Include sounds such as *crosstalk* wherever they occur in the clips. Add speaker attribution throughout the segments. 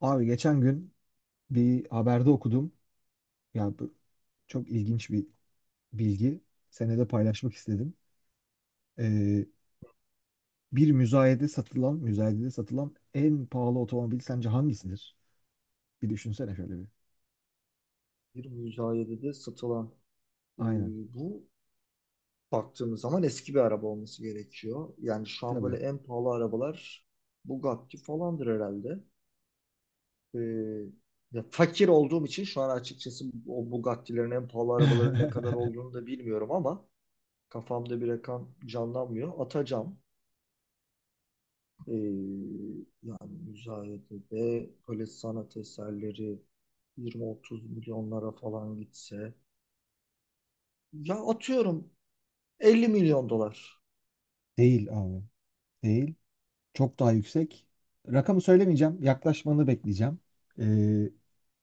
Speaker 1: Abi geçen gün bir haberde okudum. Ya bu çok ilginç bir bilgi. Senede paylaşmak istedim. Ee, bir müzayedede satılan en pahalı otomobil sence hangisidir? Bir düşünsene şöyle bir.
Speaker 2: Bir müzayedede satılan e,
Speaker 1: Aynen.
Speaker 2: bu baktığımız zaman eski bir araba olması gerekiyor. Yani şu an
Speaker 1: Tabii.
Speaker 2: böyle en pahalı arabalar Bugatti falandır herhalde. E, ya fakir olduğum için şu an açıkçası o Bugatti'lerin en pahalı arabaların ne kadar
Speaker 1: *laughs*
Speaker 2: olduğunu da bilmiyorum ama kafamda bir rakam canlanmıyor. Atacağım. E, yani müzayedede böyle sanat eserleri 20-30 milyonlara falan gitse ya atıyorum 50 milyon dolar.
Speaker 1: Değil abi. Değil. Çok daha yüksek. Rakamı söylemeyeceğim. Yaklaşmanı bekleyeceğim. Ee,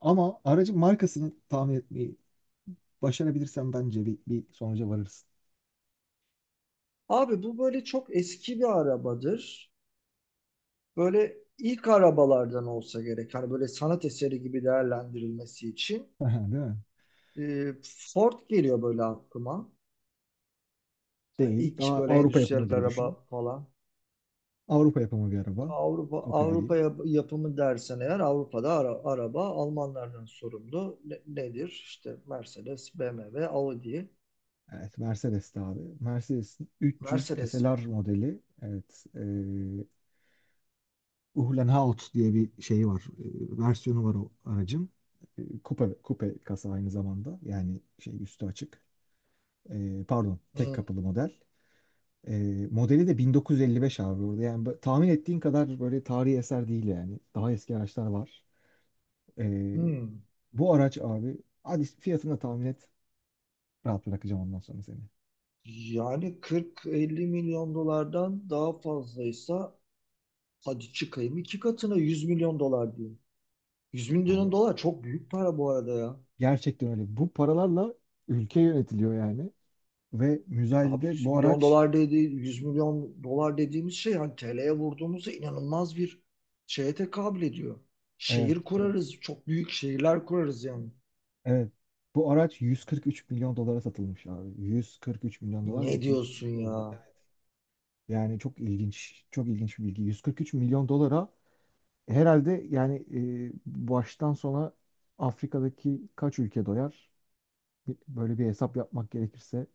Speaker 1: ama aracın markasını tahmin etmeyi başarabilirsem bence bir sonuca varırız.
Speaker 2: Abi bu böyle çok eski bir arabadır. Böyle ilk arabalardan olsa gerek. Hani böyle sanat eseri gibi değerlendirilmesi için.
Speaker 1: *laughs* Değil mi?
Speaker 2: Ee, Ford geliyor böyle aklıma. Yani
Speaker 1: Değil.
Speaker 2: ilk
Speaker 1: Daha
Speaker 2: böyle
Speaker 1: Avrupa
Speaker 2: endüstriyel
Speaker 1: yapımı gibi düşün.
Speaker 2: araba falan.
Speaker 1: Avrupa yapımı bir araba.
Speaker 2: Avrupa
Speaker 1: Kopya
Speaker 2: Avrupa
Speaker 1: vereyim.
Speaker 2: yap- yapımı dersen eğer Avrupa'da araba Almanlardan sorumlu. Nedir? İşte Mercedes, BMW, Audi.
Speaker 1: Evet, Mercedes'ti abi. Mercedes'in 300
Speaker 2: Mercedes var.
Speaker 1: SLR modeli. Evet, Uhlenhaut diye bir şeyi var. Versiyonu var o aracın. Coupe kasa aynı zamanda. Yani şey üstü açık. Pardon, tek
Speaker 2: Hmm.
Speaker 1: kapılı model. E, modeli de 1955 abi orada. Yani tahmin ettiğin kadar böyle tarihi eser değil yani. Daha eski araçlar var. E,
Speaker 2: Hmm.
Speaker 1: bu araç abi, hadi fiyatını da tahmin et. Rahat bırakacağım ondan sonra seni.
Speaker 2: Yani 40-50 milyon dolardan daha fazlaysa, hadi çıkayım iki katına 100 milyon dolar diyeyim. 100
Speaker 1: Abi,
Speaker 2: milyon dolar çok büyük para bu arada ya.
Speaker 1: gerçekten öyle. Bu paralarla ülke yönetiliyor yani. Ve
Speaker 2: Abi
Speaker 1: müzayedede
Speaker 2: 100
Speaker 1: bu
Speaker 2: milyon
Speaker 1: araç.
Speaker 2: dolar dedi, 100 milyon dolar dediğimiz şey hani TL'ye vurduğumuzda inanılmaz bir şeye tekabül ediyor.
Speaker 1: Evet,
Speaker 2: Şehir
Speaker 1: evet,
Speaker 2: kurarız, çok büyük şehirler kurarız yani.
Speaker 1: evet. Bu araç 143 milyon dolara satılmış abi. 143 milyon dolar ve
Speaker 2: Ne diyorsun
Speaker 1: 2022 yılında.
Speaker 2: ya?
Speaker 1: Evet. Yani çok ilginç, çok ilginç bir bilgi. 143 milyon dolara herhalde yani, baştan sona Afrika'daki kaç ülke doyar? Böyle bir hesap yapmak gerekirse.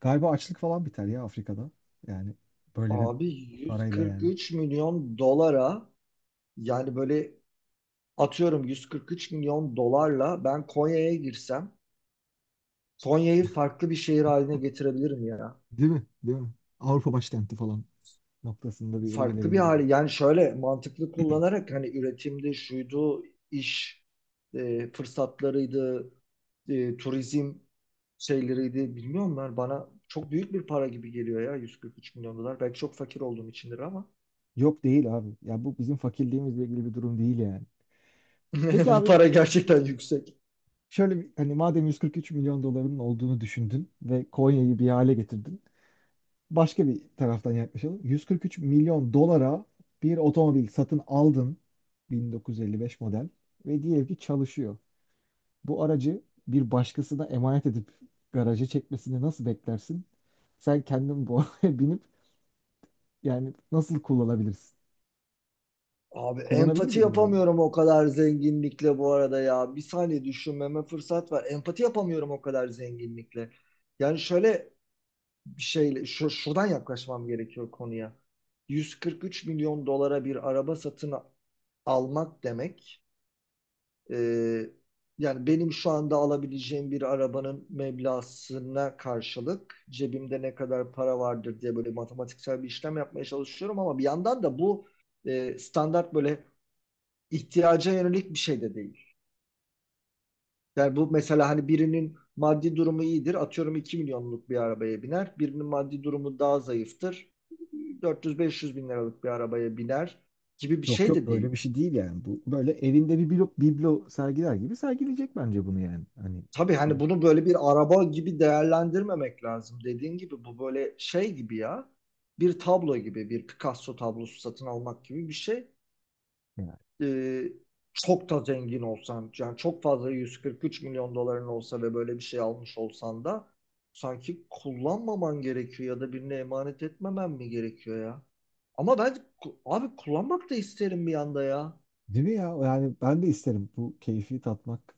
Speaker 1: Galiba açlık falan biter ya Afrika'da. Yani böyle bir
Speaker 2: Abi
Speaker 1: parayla yani.
Speaker 2: 143 milyon dolara, yani böyle atıyorum 143 milyon dolarla ben Konya'ya girsem Konya'yı farklı bir şehir haline getirebilirim ya.
Speaker 1: Değil mi? Değil mi? Avrupa başkenti falan noktasında bir yere
Speaker 2: Farklı bir
Speaker 1: gelebilir yani.
Speaker 2: hali, yani şöyle mantıklı kullanarak hani üretimde şuydu, iş fırsatlarıydı, turizm şeyleriydi, bilmiyorum, ben bana çok büyük bir para gibi geliyor ya 143 milyon dolar, belki çok fakir olduğum içindir ama
Speaker 1: Yok değil abi. Ya bu bizim fakirliğimizle ilgili bir durum değil yani.
Speaker 2: *laughs*
Speaker 1: Peki
Speaker 2: bu
Speaker 1: abi
Speaker 2: para gerçekten yüksek.
Speaker 1: şöyle bir, hani madem 143 milyon doların olduğunu düşündün ve Konya'yı bir hale getirdin. Başka bir taraftan yaklaşalım. 143 milyon dolara bir otomobil satın aldın, 1955 model, ve diyelim ki çalışıyor. Bu aracı bir başkasına emanet edip garaja çekmesini nasıl beklersin? Sen kendin bu *laughs* arabaya binip yani nasıl kullanabilirsin?
Speaker 2: Abi
Speaker 1: Kullanabilir
Speaker 2: empati
Speaker 1: miydin abi?
Speaker 2: yapamıyorum o kadar zenginlikle bu arada ya. Bir saniye düşünmeme fırsat var. Empati yapamıyorum o kadar zenginlikle. Yani şöyle bir şeyle şu, şuradan yaklaşmam gerekiyor konuya. 143 milyon dolara bir araba satın almak demek, e, yani benim şu anda alabileceğim bir arabanın meblağına karşılık cebimde ne kadar para vardır diye böyle matematiksel bir işlem yapmaya çalışıyorum ama bir yandan da bu standart, böyle ihtiyaca yönelik bir şey de değil. Yani bu mesela, hani birinin maddi durumu iyidir. Atıyorum 2 milyonluk bir arabaya biner. Birinin maddi durumu daha zayıftır. 400-500 bin liralık bir arabaya biner gibi bir
Speaker 1: Yok,
Speaker 2: şey
Speaker 1: yok,
Speaker 2: de
Speaker 1: böyle
Speaker 2: değil
Speaker 1: bir
Speaker 2: bu.
Speaker 1: şey değil yani. Bu böyle evinde bir biblo sergiler gibi sergileyecek bence bunu yani. Hani
Speaker 2: Tabii, hani bunu böyle bir araba gibi değerlendirmemek lazım. Dediğin gibi bu böyle şey gibi ya. Bir tablo gibi, bir Picasso tablosu satın almak gibi bir şey.
Speaker 1: yani.
Speaker 2: e, çok da zengin olsan, yani çok fazla 143 milyon doların olsa ve böyle bir şey almış olsan da, sanki kullanmaman gerekiyor ya da birine emanet etmemen mi gerekiyor ya? Ama ben abi, kullanmak da isterim bir anda ya.
Speaker 1: Değil mi ya? Yani ben de isterim bu keyfi tatmak,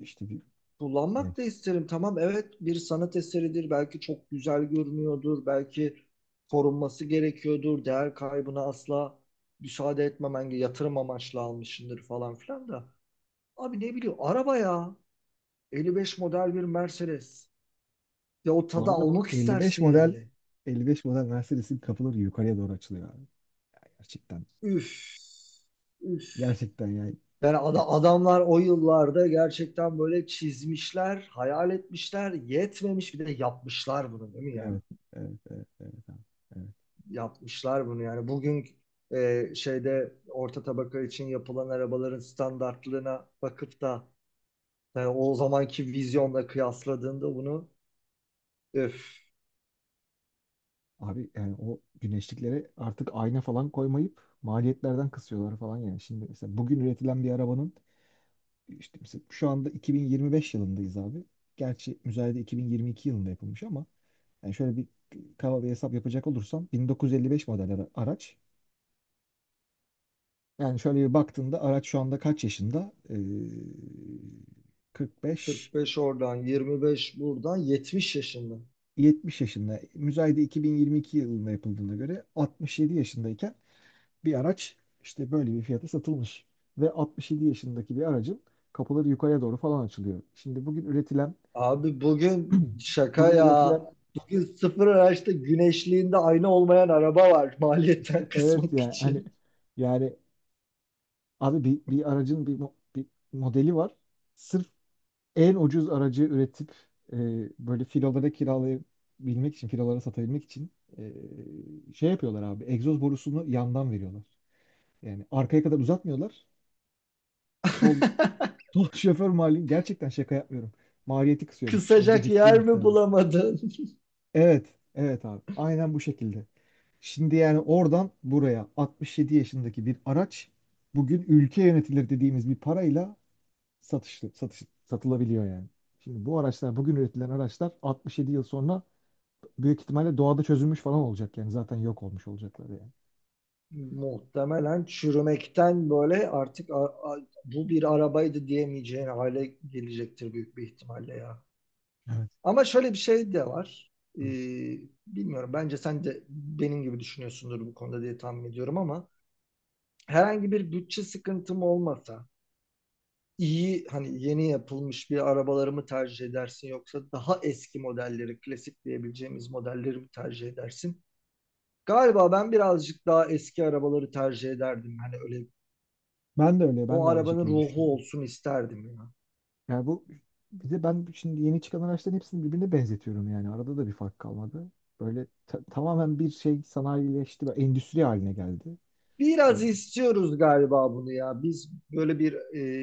Speaker 1: işte bir yani.
Speaker 2: Kullanmak da isterim. Tamam, evet, bir sanat eseridir. Belki çok güzel görünüyordur. Belki korunması gerekiyordur. Değer kaybına asla müsaade etmemen, yatırım amaçlı almışsındır falan filan da. Abi ne bileyim, araba ya. 55 model bir Mercedes. Ya, o
Speaker 1: Bu
Speaker 2: tadı
Speaker 1: arada bu
Speaker 2: almak
Speaker 1: 55
Speaker 2: istersin
Speaker 1: model,
Speaker 2: yani.
Speaker 1: 55 model Mercedes'in kapıları yukarıya doğru açılıyor abi. Gerçekten.
Speaker 2: Üf. Üf.
Speaker 1: Gerçekten yani.
Speaker 2: Yani
Speaker 1: Evet,
Speaker 2: adamlar o yıllarda gerçekten böyle çizmişler, hayal etmişler, yetmemiş bir de yapmışlar bunu, değil mi ya?
Speaker 1: evet, evet, evet, evet, abi. Evet.
Speaker 2: Yapmışlar bunu yani. Bugün şeyde, orta tabaka için yapılan arabaların standartlığına bakıp da, yani o zamanki vizyonla kıyasladığında bunu, öf,
Speaker 1: Abi, yani o güneşliklere artık ayna falan koymayıp maliyetlerden kısıyorlar falan yani. Şimdi mesela bugün üretilen bir arabanın. İşte mesela şu anda 2025 yılındayız abi. Gerçi müzayede 2022 yılında yapılmış ama yani şöyle bir kaba bir hesap yapacak olursam 1955 model araç. Yani şöyle bir baktığında araç şu anda kaç yaşında? 45,
Speaker 2: 45 oradan, 25 buradan, 70 yaşında.
Speaker 1: 70 yaşında. Müzayede 2022 yılında yapıldığına göre 67 yaşındayken bir araç işte böyle bir fiyata satılmış. Ve 67 yaşındaki bir aracın kapıları yukarıya doğru falan açılıyor. Şimdi bugün üretilen.
Speaker 2: Abi bugün
Speaker 1: *clears throat*
Speaker 2: şaka
Speaker 1: bugün üretilen
Speaker 2: ya. Bugün sıfır araçta güneşliğinde ayna olmayan araba var *laughs* maliyetten
Speaker 1: Evet,
Speaker 2: kısmak
Speaker 1: yani hani
Speaker 2: için.
Speaker 1: yani abi, bir aracın bir modeli var. Sırf en ucuz aracı üretip, e, böyle filolara kiralayabilmek için, filolara satabilmek için, şey yapıyorlar abi. Egzoz borusunu yandan veriyorlar. Yani arkaya kadar uzatmıyorlar. Sol,
Speaker 2: *laughs*
Speaker 1: sol *laughs* şoför mali gerçekten şaka yapmıyorum. Maliyeti kısıyormuş. Hem de
Speaker 2: Kısacak
Speaker 1: ciddi
Speaker 2: yer
Speaker 1: miktar.
Speaker 2: mi bulamadın?
Speaker 1: Evet, evet abi. Aynen bu şekilde. Şimdi yani oradan buraya 67 yaşındaki bir araç bugün ülke yönetilir dediğimiz bir parayla satılabiliyor yani. Şimdi bu araçlar, bugün üretilen araçlar 67 yıl sonra büyük ihtimalle doğada çözülmüş falan olacak yani. Zaten yok olmuş olacaklar yani.
Speaker 2: Muhtemelen çürümekten böyle artık bu bir arabaydı diyemeyeceğin hale gelecektir büyük bir ihtimalle ya.
Speaker 1: Evet.
Speaker 2: Ama şöyle bir şey de var. Ee, bilmiyorum, bence sen de benim gibi düşünüyorsundur bu konuda diye tahmin ediyorum, ama herhangi bir bütçe sıkıntım olmasa, iyi hani, yeni yapılmış bir arabaları mı tercih edersin, yoksa daha eski modelleri, klasik diyebileceğimiz modelleri mi tercih edersin? Galiba ben birazcık daha eski arabaları tercih ederdim. Hani öyle,
Speaker 1: Ben de öyle, ben
Speaker 2: o
Speaker 1: de aynı
Speaker 2: arabanın
Speaker 1: şekilde
Speaker 2: ruhu
Speaker 1: düşünüyorum.
Speaker 2: olsun isterdim ya.
Speaker 1: Yani bu, bir de ben şimdi yeni çıkan araçların hepsini birbirine benzetiyorum yani. Arada da bir fark kalmadı. Böyle tamamen bir şey sanayileşti ve endüstri haline geldi. E,
Speaker 2: Biraz istiyoruz galiba bunu ya. Biz böyle bir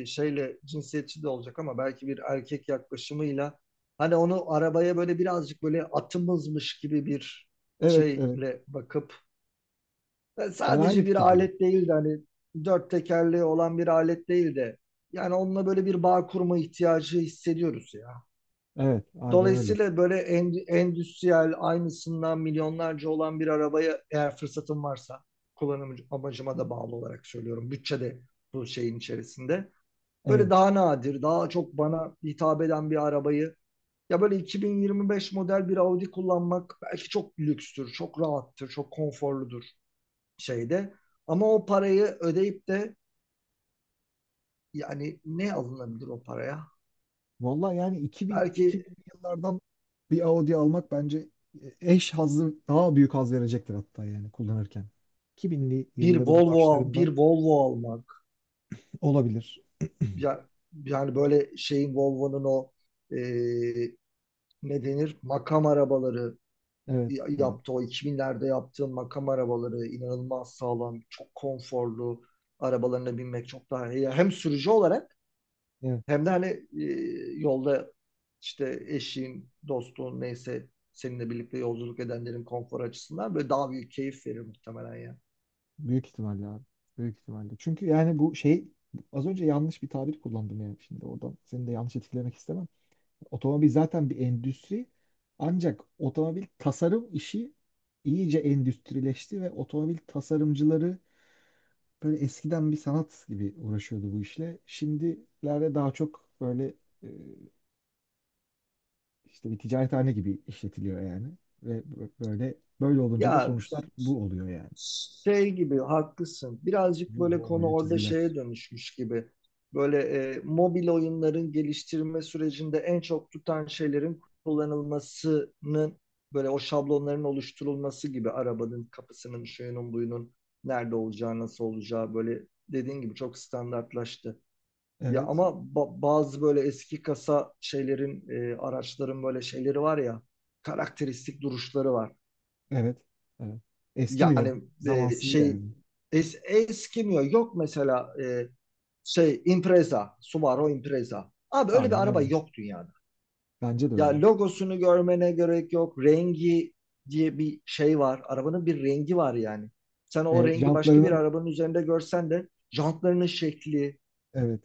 Speaker 2: şeyle, cinsiyetçi de olacak ama, belki bir erkek yaklaşımıyla, hani onu arabaya böyle birazcık böyle atımızmış gibi bir
Speaker 1: Evet, evet.
Speaker 2: şeyle bakıp. Yani
Speaker 1: Ben aynı
Speaker 2: sadece bir
Speaker 1: fikirdeyim.
Speaker 2: alet değil de, hani dört tekerleği olan bir alet değil de, yani onunla böyle bir bağ kurma ihtiyacı hissediyoruz ya.
Speaker 1: Evet, aynen öyle.
Speaker 2: Dolayısıyla böyle endüstriyel, aynısından milyonlarca olan bir arabaya, eğer fırsatım varsa, kullanım amacıma da bağlı olarak söylüyorum. Bütçe de bu şeyin içerisinde. Böyle
Speaker 1: Evet.
Speaker 2: daha nadir, daha çok bana hitap eden bir arabayı, ya böyle 2025 model bir Audi kullanmak belki çok lükstür, çok rahattır, çok konforludur şeyde. Ama o parayı ödeyip de, yani ne alınabilir o paraya?
Speaker 1: Vallahi yani
Speaker 2: Belki
Speaker 1: 2000'li yıllardan bir Audi almak bence eş hazzı, daha büyük haz verecektir hatta yani kullanırken. 2000'li
Speaker 2: bir
Speaker 1: yılların
Speaker 2: Volvo, bir
Speaker 1: başlarından
Speaker 2: Volvo almak.
Speaker 1: olabilir.
Speaker 2: Ya, yani böyle şeyin, Volvo'nun o, e, ne denir? Makam arabaları
Speaker 1: Evet, evet,
Speaker 2: yaptı. O 2000'lerde yaptığın makam arabaları inanılmaz sağlam, çok konforlu arabalarına binmek çok daha iyi. Hem sürücü olarak,
Speaker 1: evet.
Speaker 2: hem de hani yolda işte eşin, dostun, neyse seninle birlikte yolculuk edenlerin konfor açısından böyle daha büyük keyif verir muhtemelen ya.
Speaker 1: Büyük ihtimalle abi. Büyük ihtimalle. Çünkü yani bu şey, az önce yanlış bir tabir kullandım yani, şimdi oradan seni de yanlış etkilemek istemem. Otomobil zaten bir endüstri. Ancak otomobil tasarım işi iyice endüstrileşti ve otomobil tasarımcıları böyle eskiden bir sanat gibi uğraşıyordu bu işle. Şimdilerde daha çok böyle, e, işte bir ticarethane gibi işletiliyor yani. Ve böyle olunca da
Speaker 2: Ya,
Speaker 1: sonuçlar bu oluyor yani.
Speaker 2: şey gibi haklısın. Birazcık
Speaker 1: Ruh
Speaker 2: böyle konu
Speaker 1: olmayan
Speaker 2: orada
Speaker 1: çizgiler.
Speaker 2: şeye dönüşmüş gibi. Böyle mobil oyunların geliştirme sürecinde en çok tutan şeylerin kullanılmasının, böyle o şablonların oluşturulması gibi, arabanın kapısının, şuyunun, buyunun nerede olacağı, nasıl olacağı, böyle dediğin gibi çok standartlaştı. Ya
Speaker 1: Evet,
Speaker 2: ama bazı böyle eski kasa şeylerin, araçların böyle şeyleri var ya, karakteristik duruşları var.
Speaker 1: evet, evet. Eskimiyor.
Speaker 2: Yani
Speaker 1: Zamansız yani.
Speaker 2: şey eskimiyor. Yok mesela şey, Impreza, Subaru Impreza. Abi öyle bir
Speaker 1: Aynen
Speaker 2: araba
Speaker 1: öyle.
Speaker 2: yok dünyada.
Speaker 1: Bence de
Speaker 2: Ya,
Speaker 1: öyle.
Speaker 2: logosunu görmene gerek yok. Rengi diye bir şey var. Arabanın bir rengi var yani. Sen o
Speaker 1: Evet,
Speaker 2: rengi başka bir
Speaker 1: jantlarının,
Speaker 2: arabanın üzerinde görsen de, jantlarının şekli,
Speaker 1: evet,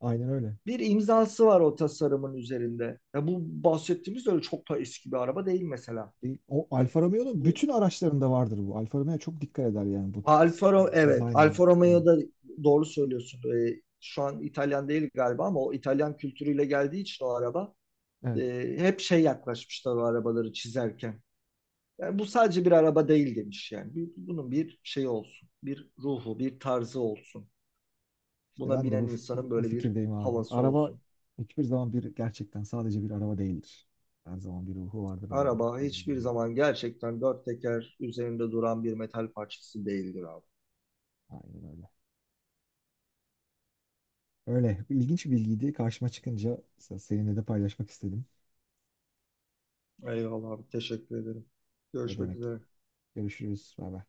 Speaker 1: aynen öyle.
Speaker 2: bir imzası var o tasarımın üzerinde. Ya, bu bahsettiğimiz öyle çok da eski bir araba değil mesela.
Speaker 1: O
Speaker 2: Ya
Speaker 1: Alfa Romeo'nun
Speaker 2: bu
Speaker 1: bütün araçlarında vardır bu. Alfa Romeo çok dikkat eder yani bu
Speaker 2: Alfa Romeo, evet,
Speaker 1: dizaynla.
Speaker 2: Alfa
Speaker 1: Yani
Speaker 2: Romeo'da doğru söylüyorsun. Şu an İtalyan değil galiba, ama o İtalyan kültürüyle geldiği için o araba,
Speaker 1: evet.
Speaker 2: hep şey yaklaşmışlar o arabaları çizerken. Yani bu sadece bir araba değil demiş yani. Bunun bir şeyi olsun, bir ruhu, bir tarzı olsun.
Speaker 1: işte
Speaker 2: Buna
Speaker 1: ben de
Speaker 2: binen
Speaker 1: bu,
Speaker 2: insanın
Speaker 1: bu, bu
Speaker 2: böyle bir
Speaker 1: fikirdeyim abi.
Speaker 2: havası
Speaker 1: Araba
Speaker 2: olsun.
Speaker 1: hiçbir zaman bir gerçekten sadece bir araba değildir. Her zaman bir ruhu vardır yani.
Speaker 2: Araba hiçbir
Speaker 1: Bilmiyorum.
Speaker 2: zaman gerçekten dört teker üzerinde duran bir metal parçası değildir abi.
Speaker 1: Aynen öyle. Öyle. İlginç bir bilgiydi. Karşıma çıkınca seninle de paylaşmak istedim.
Speaker 2: Eyvallah abi, teşekkür ederim.
Speaker 1: Ne
Speaker 2: Görüşmek
Speaker 1: demek.
Speaker 2: üzere.
Speaker 1: Görüşürüz. Bay bay.